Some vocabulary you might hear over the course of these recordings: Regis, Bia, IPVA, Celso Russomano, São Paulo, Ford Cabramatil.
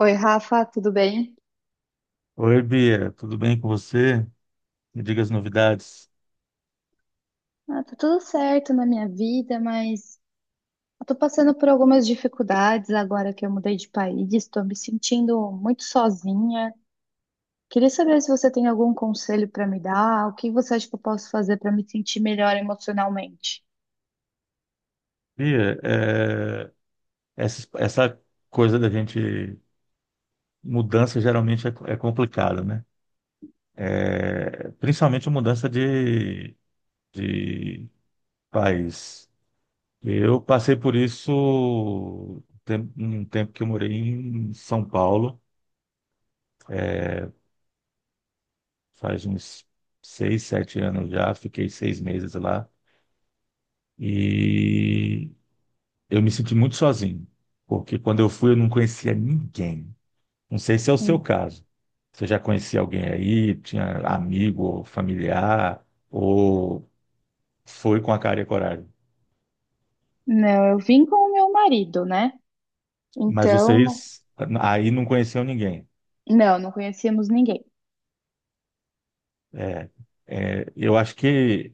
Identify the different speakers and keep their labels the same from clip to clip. Speaker 1: Oi, Rafa, tudo bem?
Speaker 2: Oi, Bia, tudo bem com você? Me diga as novidades.
Speaker 1: Ah, tá tudo certo na minha vida, mas eu tô passando por algumas dificuldades agora que eu mudei de país, estou me sentindo muito sozinha. Queria saber se você tem algum conselho para me dar, o que você acha que eu posso fazer para me sentir melhor emocionalmente?
Speaker 2: Bia, essa coisa da gente, mudança geralmente é complicada, né? É, principalmente mudança de país. Eu passei por isso um tempo que eu morei em São Paulo, é, faz uns seis, sete anos já, fiquei seis meses lá. E Eu me senti muito sozinho, porque quando eu fui eu não conhecia ninguém. Não sei se é o seu
Speaker 1: Hum.
Speaker 2: caso. Você já conhecia alguém aí, tinha amigo, ou familiar, ou foi com a cara e a coragem.
Speaker 1: Não, eu vim com o meu marido, né?
Speaker 2: Mas
Speaker 1: Então,
Speaker 2: vocês aí não conheciam ninguém.
Speaker 1: não, não conhecíamos ninguém.
Speaker 2: É, eu acho que,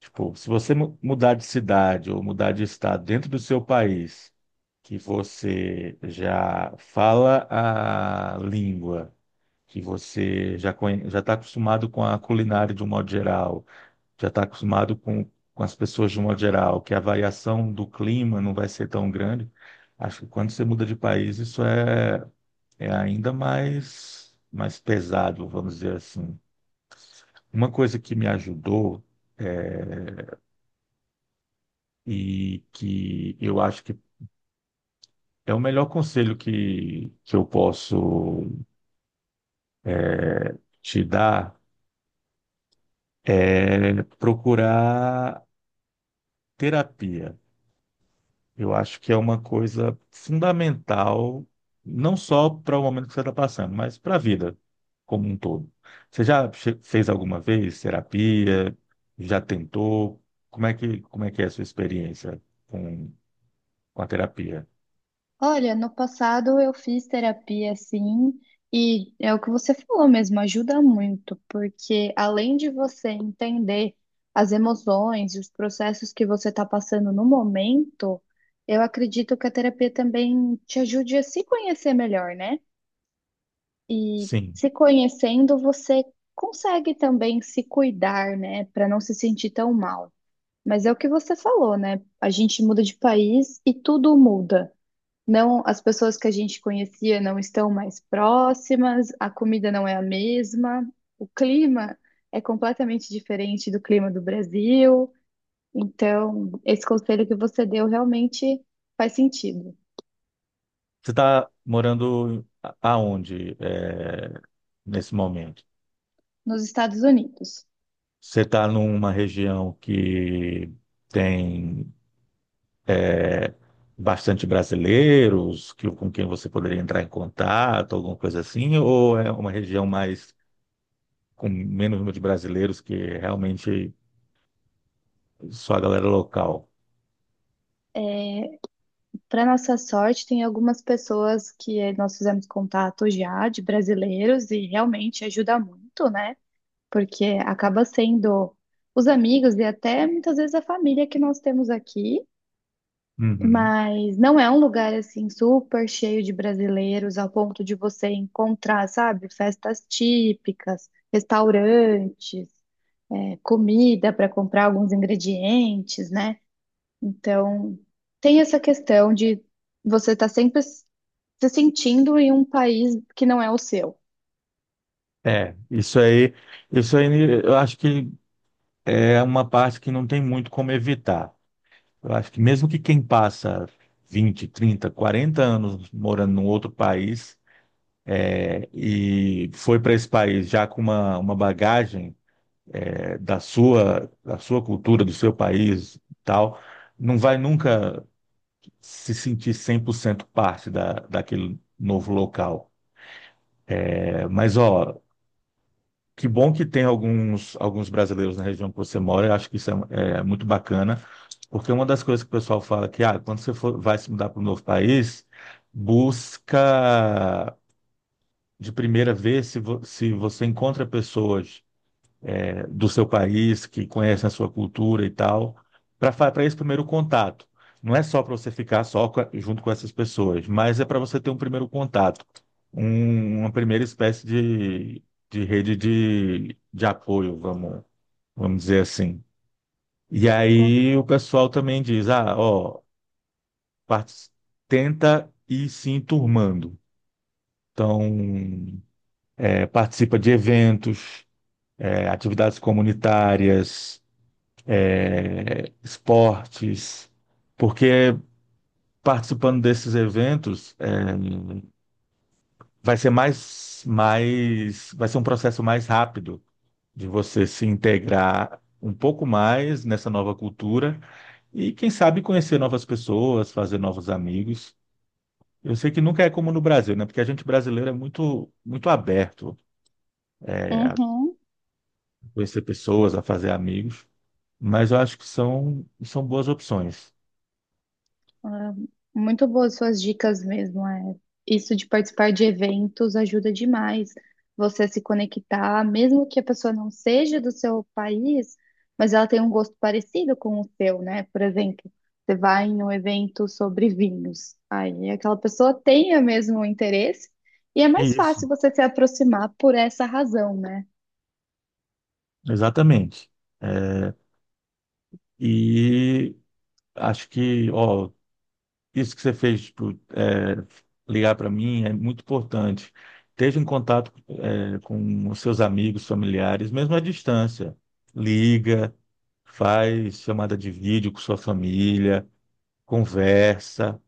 Speaker 2: tipo, se você mudar de cidade ou mudar de estado dentro do seu país, que você já fala a língua que você já está acostumado com a culinária de um modo geral, já está acostumado com as pessoas de um modo geral, que a variação do clima não vai ser tão grande. Acho que quando você muda de país, é ainda mais pesado, vamos dizer assim. Uma coisa que me ajudou eh, e que eu acho que é o melhor conselho que eu posso te dar é procurar terapia. Eu acho que é uma coisa fundamental, não só para o momento que você está passando, mas para a vida como um todo. Você fez alguma vez terapia? Já tentou? Como é que é a sua experiência com, com a terapia?
Speaker 1: Olha, no passado eu fiz terapia sim, e é o que você falou mesmo, ajuda muito, porque além de você entender as emoções e os processos que você está passando no momento, eu acredito que a terapia também te ajude a se conhecer melhor, né? E
Speaker 2: Sim.
Speaker 1: se conhecendo, você consegue também se cuidar, né, para não se sentir tão mal. Mas é o que você falou, né? A gente muda de país e tudo muda. Não, as pessoas que a gente conhecia não estão mais próximas, a comida não é a mesma, o clima é completamente diferente do clima do Brasil. Então, esse conselho que você deu realmente faz sentido.
Speaker 2: Você está morando aonde, nesse momento?
Speaker 1: Nos Estados Unidos,
Speaker 2: Você está numa região que tem, é, bastante brasileiros que, com quem você poderia entrar em contato, alguma coisa assim, ou é uma região mais com menos número de brasileiros que realmente só a galera local?
Speaker 1: para nossa sorte, tem algumas pessoas que nós fizemos contato já de brasileiros e realmente ajuda muito, né? Porque acaba sendo os amigos e até muitas vezes a família que nós temos aqui.
Speaker 2: Uhum.
Speaker 1: Mas não é um lugar assim super cheio de brasileiros ao ponto de você encontrar, sabe, festas típicas, restaurantes, é, comida para comprar alguns ingredientes, né? Então, tem essa questão de você estar sempre se sentindo em um país que não é o seu.
Speaker 2: É, isso aí, isso aí eu acho que é uma parte que não tem muito como evitar. Eu acho que mesmo que quem passa 20 30 40 anos morando num outro país, é, e foi para esse país já com uma bagagem da sua cultura, do seu país, e tal, não vai nunca se sentir 100% parte daquele novo local. É, mas, ó, que bom que tem alguns brasileiros na região que você mora, eu acho que é muito bacana, porque uma das coisas que o pessoal fala que, ah, quando você for, vai se mudar para um novo país, busca de primeira vez se, se você encontra pessoas do seu país, que conhecem a sua cultura e tal, para esse primeiro contato. Não é só para você ficar só junto com essas pessoas, mas é para você ter um primeiro contato, uma primeira espécie de rede de apoio, vamos dizer assim. E
Speaker 1: Com-
Speaker 2: aí o pessoal também diz, ah, ó, parti- tenta ir se enturmando. Então, é, participa de eventos, é, atividades comunitárias, é, esportes, porque participando desses eventos, vai ser vai ser um processo mais rápido de você se integrar um pouco mais nessa nova cultura e quem sabe conhecer novas pessoas, fazer novos amigos. Eu sei que nunca é como no Brasil, né? Porque a gente brasileiro é muito aberto, a
Speaker 1: Uhum.
Speaker 2: conhecer pessoas, a fazer amigos, mas eu acho que são boas opções.
Speaker 1: Ah, muito boas suas dicas mesmo. É. Isso de participar de eventos ajuda demais você a se conectar, mesmo que a pessoa não seja do seu país, mas ela tem um gosto parecido com o seu, né? Por exemplo, você vai em um evento sobre vinhos, aí aquela pessoa tem o mesmo interesse e é
Speaker 2: É
Speaker 1: mais
Speaker 2: isso,
Speaker 1: fácil você se aproximar por essa razão, né?
Speaker 2: exatamente. Eh, E acho que, ó, isso que você fez, tipo, é, ligar para mim é muito importante. Esteja em contato, é, com os seus amigos, familiares, mesmo à distância. Liga, faz chamada de vídeo com sua família, conversa,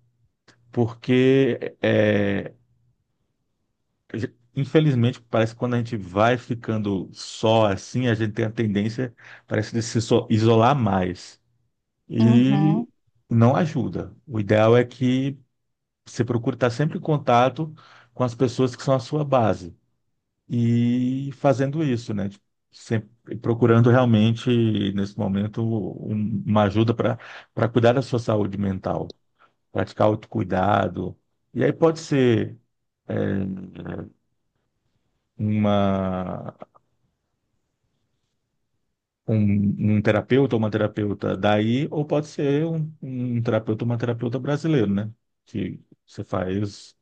Speaker 2: porque, é, infelizmente, parece que quando a gente vai ficando só assim, a gente tem a tendência, parece, de se so- isolar mais, e
Speaker 1: Uhum.
Speaker 2: não ajuda. O ideal é que você procure estar sempre em contato com as pessoas que são a sua base e fazendo isso, né? Tipo, sempre procurando realmente, nesse momento, uma ajuda para para cuidar da sua saúde mental, praticar autocuidado. E aí pode ser, é, uma, um terapeuta ou uma terapeuta daí, ou pode ser um terapeuta ou uma terapeuta brasileiro, né? Que você faz,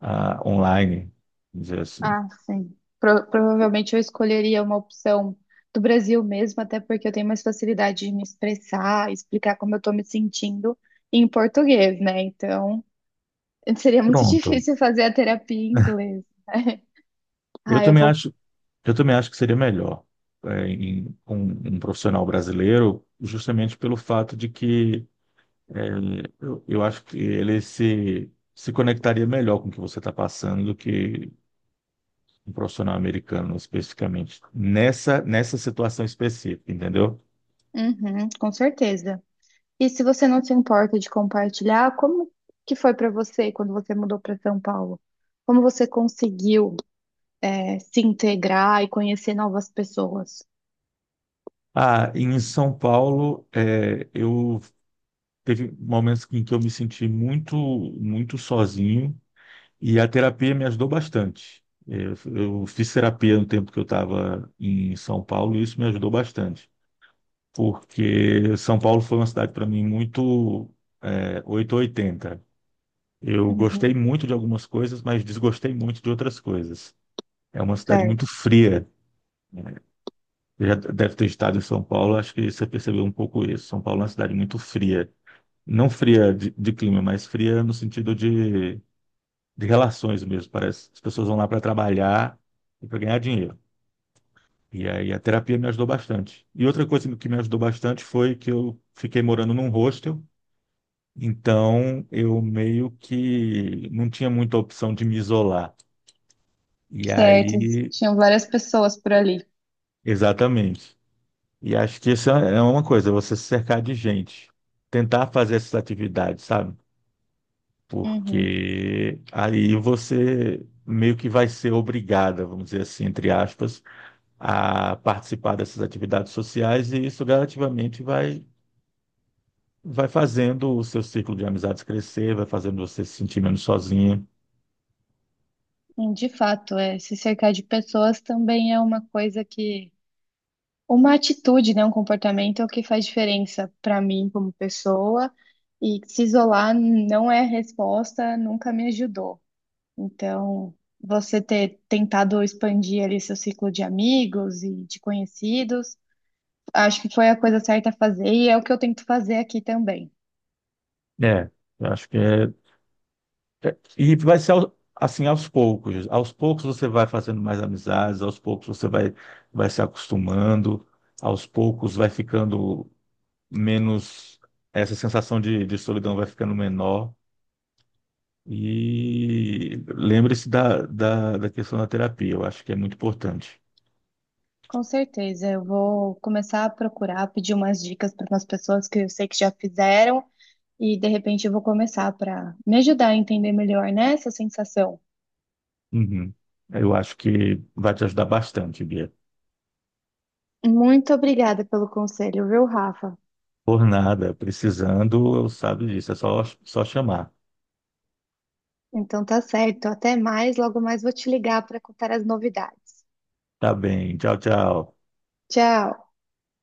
Speaker 2: ah, online, vamos dizer assim.
Speaker 1: Ah, sim. Provavelmente eu escolheria uma opção do Brasil mesmo, até porque eu tenho mais facilidade de me expressar, explicar como eu estou me sentindo em português, né? Então, seria muito
Speaker 2: Pronto.
Speaker 1: difícil fazer a terapia em inglês.
Speaker 2: Eu
Speaker 1: Ah, eu
Speaker 2: também
Speaker 1: vou.
Speaker 2: acho, eu também acho que seria melhor, é, com um profissional brasileiro, justamente pelo fato de que, é, eu acho que ele se conectaria melhor com o que você está passando do que um profissional americano especificamente, nessa situação específica, entendeu?
Speaker 1: Uhum, com certeza. E se você não se importa de compartilhar, como que foi para você quando você mudou para São Paulo? Como você conseguiu, é, se integrar e conhecer novas pessoas?
Speaker 2: Ah, em São Paulo, eu, teve momentos em que eu me senti muito sozinho. E a terapia me ajudou bastante. Eu fiz terapia no tempo que eu estava em São Paulo e isso me ajudou bastante, porque São Paulo foi uma cidade para mim muito, é, 880. Eu gostei
Speaker 1: Uhum,
Speaker 2: muito de algumas coisas, mas desgostei muito de outras coisas. É uma cidade muito
Speaker 1: certo.
Speaker 2: fria, né? Você já deve ter estado em São Paulo, acho que você percebeu um pouco isso. São Paulo é uma cidade muito fria. Não fria de clima, mas fria no sentido de relações mesmo. Parece que as pessoas vão lá para trabalhar e para ganhar dinheiro. E aí a terapia me ajudou bastante. E outra coisa que me ajudou bastante foi que eu fiquei morando num hostel, então eu meio que não tinha muita opção de me isolar. E
Speaker 1: Certo,
Speaker 2: aí,
Speaker 1: tinham várias pessoas por ali.
Speaker 2: exatamente. E acho que isso é é uma coisa, você se cercar de gente, tentar fazer essas atividades, sabe?
Speaker 1: Uhum.
Speaker 2: Porque aí você meio que vai ser obrigada, vamos dizer assim, entre aspas, a participar dessas atividades sociais e isso gradativamente vai fazendo o seu ciclo de amizades crescer, vai fazendo você se sentir menos sozinha.
Speaker 1: De fato, é, se cercar de pessoas também é uma coisa que, uma atitude, né, um comportamento é o que faz diferença para mim como pessoa, e se isolar não é a resposta, nunca me ajudou. Então, você ter tentado expandir ali seu ciclo de amigos e de conhecidos, acho que foi a coisa certa a fazer, e é o que eu tento fazer aqui também.
Speaker 2: É, eu acho que é. E vai ser assim aos poucos. Aos poucos você vai fazendo mais amizades, aos poucos vai se acostumando, aos poucos vai ficando menos. Essa sensação de solidão vai ficando menor. E lembre-se da questão da terapia, eu acho que é muito importante.
Speaker 1: Com certeza, eu vou começar a procurar, pedir umas dicas para umas pessoas que eu sei que já fizeram e de repente eu vou começar para me ajudar a entender melhor, né, essa sensação.
Speaker 2: Uhum. Eu acho que vai te ajudar bastante, Bia.
Speaker 1: Muito obrigada pelo conselho, viu, Rafa?
Speaker 2: Por nada, precisando, sabe disso, é só, chamar.
Speaker 1: Então tá certo, até mais, logo mais vou te ligar para contar as novidades.
Speaker 2: Tá bem, tchau, tchau.
Speaker 1: Tchau.